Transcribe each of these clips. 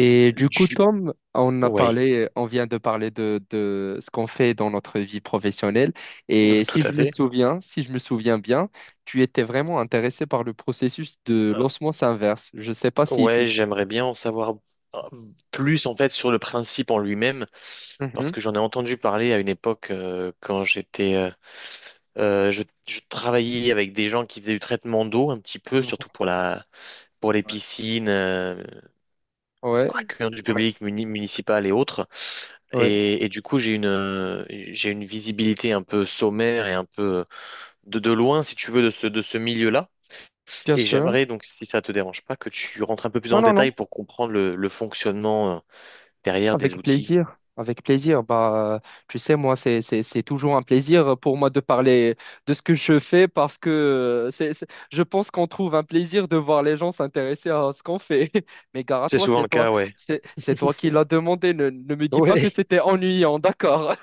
Et du coup, Du... Tom, on a Ouais, parlé, on vient de parler de ce qu'on fait dans notre vie professionnelle. Et tout si à je me fait. souviens, si je me souviens bien, tu étais vraiment intéressé par le processus de Euh, l'osmose inverse. Je ne sais pas si Ouais, tu... j'aimerais bien en savoir euh, plus en fait sur le principe en lui-même, parce Mhm, que j'en ai entendu parler à une époque quand je travaillais avec des gens qui faisaient du traitement d'eau un petit peu, mhm. surtout pour les piscines, Ouais, accueillant du ouais, public municipal et autres. ouais, Et du coup, j'ai une visibilité un peu sommaire et un peu de loin, si tu veux, de ce milieu-là. bien Et sûr. j'aimerais donc, si ça te dérange pas, que tu rentres un peu plus Non, dans le non, non. détail pour comprendre le fonctionnement derrière des Avec outils. plaisir, avec plaisir. Bah, tu sais, moi, c'est toujours un plaisir pour moi de parler de ce que je fais parce que je pense qu'on trouve un plaisir de voir les gens s'intéresser à ce qu'on fait. Mais gare à C'est toi, souvent c'est le toi, cas, ouais. c'est toi qui l'as demandé. Ne me dis pas que Oui. c'était ennuyant, d'accord?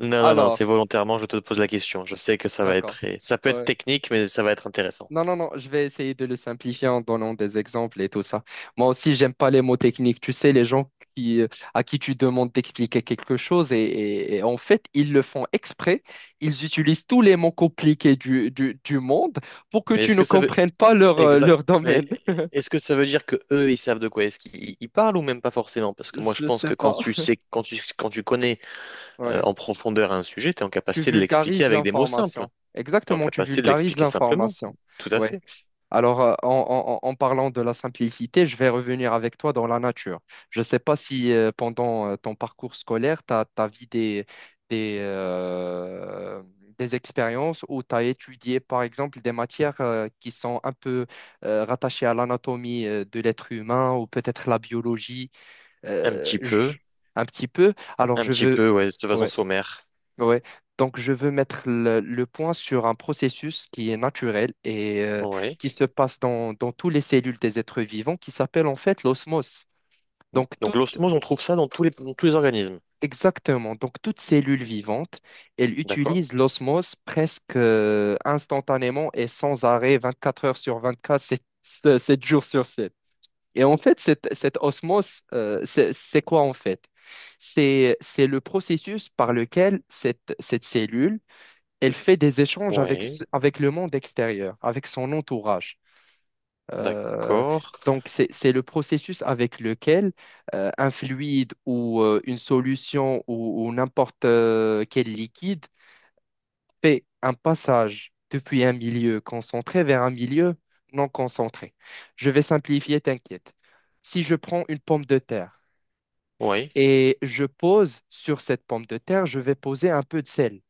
Non, non, non, Alors, c'est volontairement, je te pose la question. Je sais que ça va être d'accord. Ça peut être Ouais. technique, mais ça va être intéressant. Non, non, non, je vais essayer de le simplifier en donnant des exemples et tout ça. Moi aussi, j'aime pas les mots techniques. Tu sais, les gens qui, à qui tu demandes d'expliquer quelque chose et en fait, ils le font exprès. Ils utilisent tous les mots compliqués du monde pour que Mais tu est-ce ne que ça veut comprennes pas leur, Exact. leur Mais domaine. est-ce que ça veut dire que eux, ils savent de quoi est-ce qu'ils ils parlent ou même pas forcément? Parce que moi, je Je pense sais que quand pas. tu sais, quand tu connais Ouais. en profondeur un sujet, tu es en Tu capacité de l'expliquer vulgarises avec des mots simples. l'information. Tu es en Exactement, tu capacité de vulgarises l'expliquer simplement. l'information. Tout à Ouais. fait. Alors, en parlant de la simplicité, je vais revenir avec toi dans la nature. Je ne sais pas si pendant ton parcours scolaire, tu as vu des, des, euh, des expériences où tu as étudié, par exemple, des matières qui sont un peu rattachées à l'anatomie de l'être humain ou peut-être la biologie, Un euh, petit peu. j- un petit peu. Alors, Un je petit veux... peu, ouais, de façon Ouais. sommaire. Ouais. Donc, je veux mettre le point sur un processus qui est naturel et Oui. qui se passe dans, dans toutes les cellules des êtres vivants, qui s'appelle en fait l'osmose. Donc, tout, Donc l'osmose, on trouve ça dans tous les organismes. exactement. Donc, toute cellule vivante, elle D'accord? utilise l'osmose presque instantanément et sans arrêt, 24 heures sur 24, sept jours sur 7. Et en fait, cette, cette osmose, c'est quoi en fait? C'est le processus par lequel cette, cette cellule elle fait des échanges avec, Oui. Avec le monde extérieur, avec son entourage. Euh, D'accord. donc, c'est le processus avec lequel un fluide ou une solution ou n'importe quel liquide fait un passage depuis un milieu concentré vers un milieu non concentré. Je vais simplifier, t'inquiète. Si je prends une pomme de terre Oui. et je pose sur cette pomme de terre, je vais poser un peu de sel,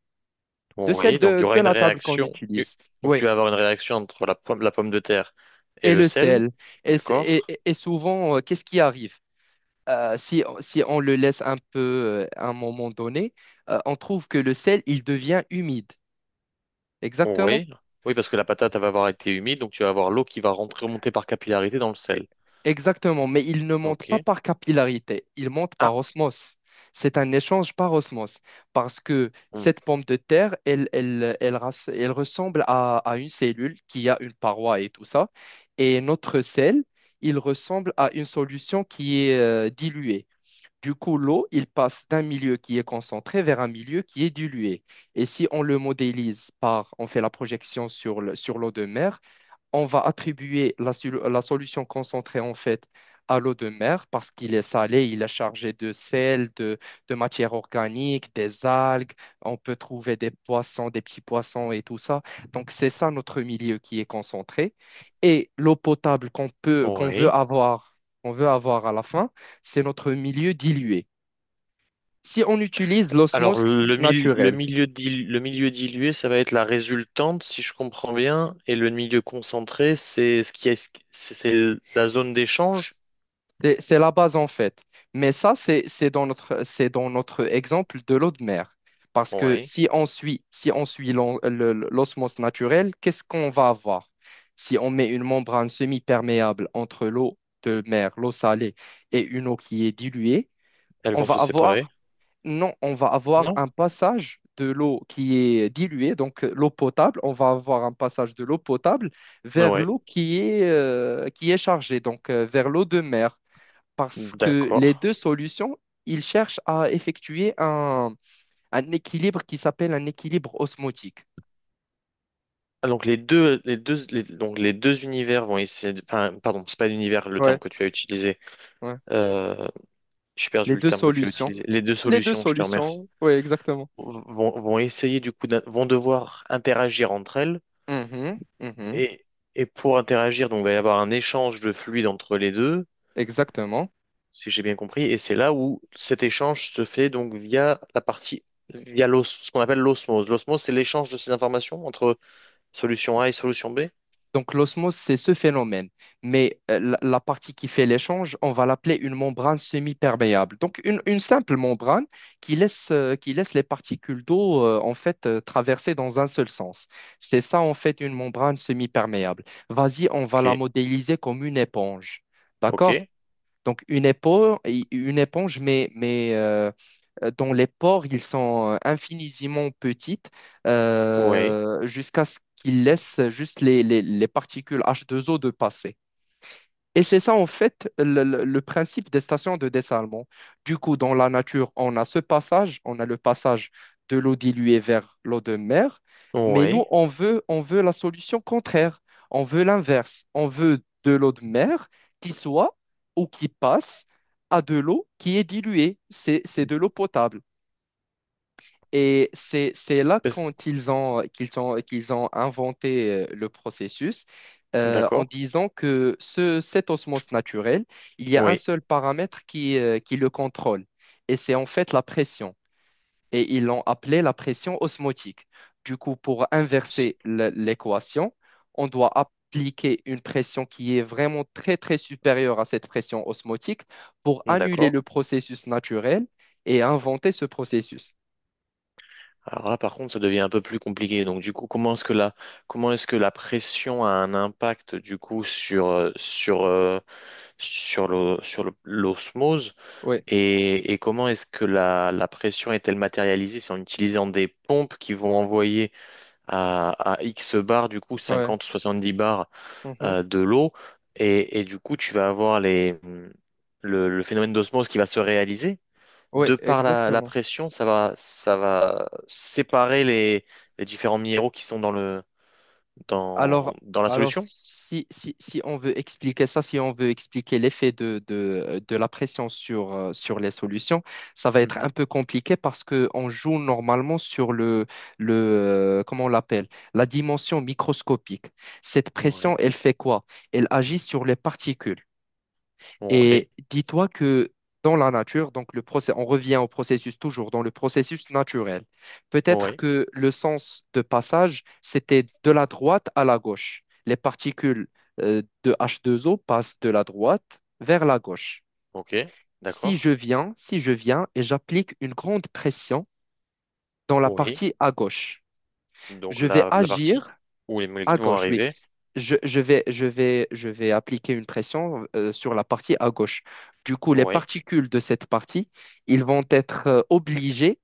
de sel Oui. Donc il y aura de une la table qu'on réaction. utilise. Donc Oui, tu vas avoir une réaction entre la pomme de terre et et le le sel. sel. Et, s- et- D'accord? et- et- souvent, qu'est-ce qui arrive? Si, si on le laisse un peu à un moment donné, on trouve que le sel, il devient humide. Exactement. Oui. Oui, parce que la patate elle va avoir été humide, donc tu vas avoir l'eau qui va rentrer, remonter par capillarité dans le E- sel. Exactement. Mais il ne monte pas Ok. par capillarité, il monte par Ah. osmose. C'est un échange par osmose. Parce que cette pomme de terre, elle ressemble à une cellule qui a une paroi et tout ça. Et notre sel, il ressemble à une solution qui est diluée. Du coup, l'eau, il passe d'un milieu qui est concentré vers un milieu qui est dilué. Et si on le modélise par, on fait la projection sur l'eau de mer, on va attribuer la, la solution concentrée en fait à l'eau de mer parce qu'il est salé, il est chargé de sel, de matière organique, des algues, on peut trouver des poissons, des petits poissons et tout ça. Donc c'est ça notre milieu qui est concentré. Et l'eau potable qu'on peut, Oui. Qu'on veut avoir à la fin, c'est notre milieu dilué. Si on utilise Alors, l'osmose le naturelle, milieu le milieu dilué, ça va être la résultante, si je comprends bien, et le milieu concentré, c'est ce qui est, c'est la zone d'échange. c'est la base en fait. Mais ça, c'est dans notre, c'est dans notre exemple de l'eau de mer. Parce que Oui, si on suit, si on suit l'osmose naturelle, qu'est-ce qu'on va avoir? Si on met une membrane semi-perméable entre l'eau de mer, l'eau salée, et une eau qui est diluée, elles on vont va se séparer. avoir, non, on va avoir Non? un passage de l'eau qui est diluée, donc l'eau potable, on va avoir un passage de l'eau potable Ah vers ouais, l'eau qui est chargée, donc vers l'eau de mer parce que les d'accord. deux solutions, ils cherchent à effectuer un équilibre qui s'appelle un équilibre osmotique. Ah, donc les deux univers vont essayer enfin, pardon, c'est pas l'univers le terme Ouais, que tu as utilisé. ouais. Euh, j'ai perdu Les le deux terme que tu as solutions. utilisé. Les deux Les deux solutions, je te remercie, solutions, oui, exactement. Vont essayer du coup, vont devoir interagir entre elles. Mhm, mhm, Et, et pour interagir, donc, il va y avoir un échange de fluide entre les deux, exactement. si j'ai bien compris, et c'est là où cet échange se fait donc via la partie, via l'os, ce qu'on appelle l'osmose. L'osmose, c'est l'échange de ces informations entre solution A et solution B. Donc l'osmose, c'est ce phénomène. Mais la, la partie qui fait l'échange, on va l'appeler une membrane semi-perméable. Donc une simple membrane qui laisse les particules d'eau en fait traverser dans un seul sens. C'est ça en fait une membrane semi-perméable. Vas-y, on Ok, va la modéliser comme une éponge. D'accord? ok, Donc, une éponge mais, mais dont les pores ils sont infiniment petites oui, jusqu'à ce qu'ils laissent juste les, les particules H2O de passer. Et c'est ça, en fait, le, le principe des stations de dessalement. Du coup, dans la nature, on a ce passage, on a le passage de l'eau diluée vers l'eau de mer, mais nous, oui. On veut la solution contraire, on veut l'inverse, on veut de l'eau de mer qui soit ou qui passe à de l'eau qui est diluée, c'est de l'eau potable. Et c'est là Parce- quand ils ont, qu'ils ont, qu'ils ont inventé le processus en d'accord, disant que ce, cette osmose naturelle, il y a un oui. seul paramètre qui le contrôle, et c'est en fait la pression. Et ils l'ont appelé la pression osmotique. Du coup, pour Si. inverser l'équation, on doit appliquer une pression qui est vraiment très, très supérieure à cette pression osmotique pour annuler D'accord. le processus naturel et inventer ce processus. Alors là, par contre, ça devient un peu plus compliqué. Donc, du coup, comment est-ce que la pression a un impact, du coup, sur l'osmose? Oui, Et comment est-ce que la pression est-elle matérialisée? C'est en utilisant des pompes qui vont envoyer à X bar, du coup, ouais. 50, 70 bars Mhm. De l'eau. Et du coup, tu vas avoir le phénomène d'osmose qui va se réaliser Oui, de par la exactement. pression, ça va séparer les différents minéraux qui sont Alors, dans la alors solution. si, si, si on veut expliquer ça, si on veut expliquer l'effet de la pression sur, sur les solutions, ça va être un Mhm. peu compliqué parce qu'on joue normalement sur le, le comment on l'appelle, la dimension microscopique. Cette pression, Ouais, elle fait quoi? Elle agit sur les particules. Et ouais, dis-toi que dans la nature, donc on revient au processus toujours, dans le processus naturel. Peut-être ouais, que le sens de passage, c'était de la droite à la gauche. Les particules de H2O passent de la droite vers la gauche. ok, Si je d'accord, viens, si je viens et j'applique une grande pression dans la oui. partie à gauche, Donc je vais la partie agir où les à molécules vont gauche, oui. arriver, Je vais appliquer une pression sur la partie à gauche. Du coup, les oui. particules de cette partie, ils vont être obligés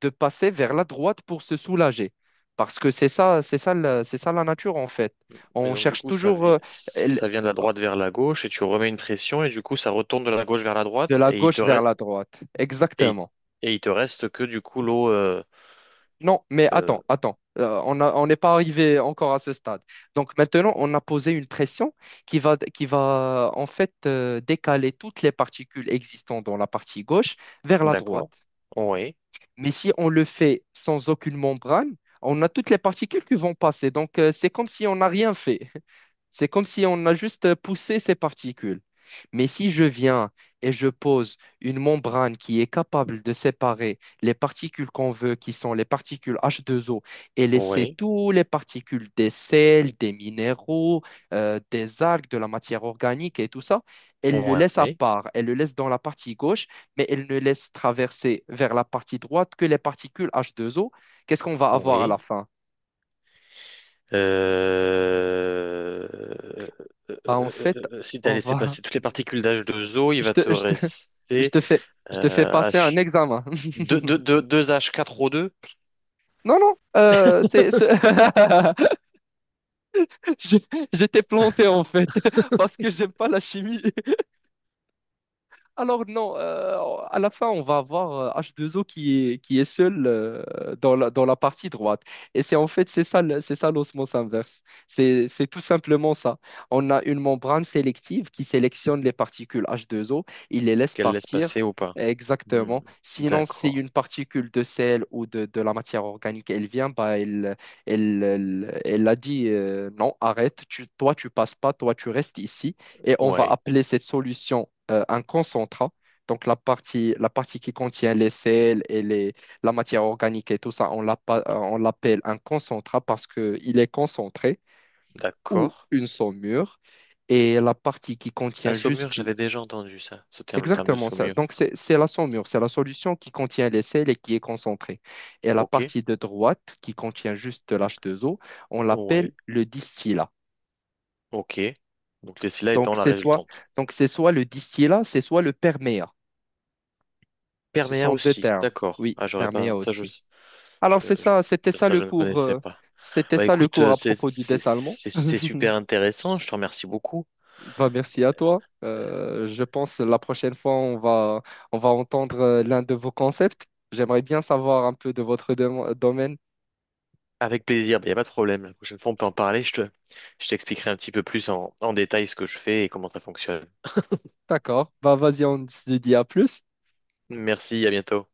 de passer vers la droite pour se soulager. Parce que c'est ça, c'est ça, c'est ça la nature en fait. Mais On donc du cherche coup, toujours l- ça vient de la droite vers la gauche et tu remets une pression et du coup, ça retourne de la gauche vers la de droite la et gauche vers la droite. et, Exactement. et il te reste que du coup l'eau, Non, mais euh, attends, attends. On n'est pas arrivé encore à ce stade. Donc maintenant, on a posé une pression qui va en fait décaler toutes les particules existantes dans la partie gauche vers la droite. d'accord, oui, Mais si on le fait sans aucune membrane, on a toutes les particules qui vont passer. Donc c'est comme si on n'a rien fait. C'est comme si on a juste poussé ces particules. Mais si je viens et je pose une membrane qui est capable de séparer les particules qu'on veut, qui sont les particules H2O, et laisser oui, toutes les particules des sels, des minéraux, des algues, de la matière organique et tout ça, elle le laisse à oui, part, elle le laisse dans la partie gauche, mais elle ne laisse traverser vers la partie droite que les particules H2O, qu'est-ce qu'on va avoir à la oui. fin? Euh, euh, Bah, en fait, Si tu as on laissé va passer toutes les particules dh deux o il je va te, te je te, je rester te fais, passer un H... examen. 2, h 4 o deux Non, non, Je- J'étais planté en fait, parce que j'aime pas la chimie. Alors non, à la fin, on va avoir H2O qui est seul dans la partie droite. Et c'est en fait, c'est ça, c'est ça l'osmose inverse. C'est tout simplement ça. On a une membrane sélective qui sélectionne les particules H2O, il les laisse qu'elle laisse partir. passer ou pas. Hmm. Exactement. Sinon, si D'accord. une particule de sel ou de la matière organique, elle vient, bah, elle a dit non, arrête, tu, toi, tu passes pas, toi, tu restes ici. Et on va Ouais, appeler cette solution un concentrat. Donc la partie qui contient les sels et les, la matière organique et tout ça, on l'appelle un concentrat parce qu'il est concentré ou d'accord. une saumure. Et la partie qui La contient juste... saumure, j'avais déjà entendu ça, ce terme, le terme de Exactement ça. saumure. Donc c'est la saumure, c'est la solution qui contient les sels et qui est concentrée. Et la Ok, partie de droite qui contient juste de l'H2O, on l'appelle ouais, le distillat. ok. Donc les cila étant Donc la c'est soit, résultante. donc c'est soit le distillat, c'est soit le perméat. Ce Perméa sont deux aussi, termes. d'accord. Oui, Ah, j'aurais perméa pas. Aussi. je- Alors, c'est ça, c'était ça Ça, le je ne cours, connaissais pas. c'était Bah ça le écoute, cours à propos du dessalement. C'est super intéressant, je te remercie beaucoup. Bah, merci à toi. Je pense la prochaine fois, on va entendre l'un de vos concepts. J'aimerais bien savoir un peu de votre domaine. Avec plaisir, il n'y a pas de problème. La prochaine fois, on peut en parler, je t'expliquerai un petit peu plus en détail ce que je fais et comment ça fonctionne. D'accord. Bah, vas-y, on se dit à plus. Merci, à bientôt.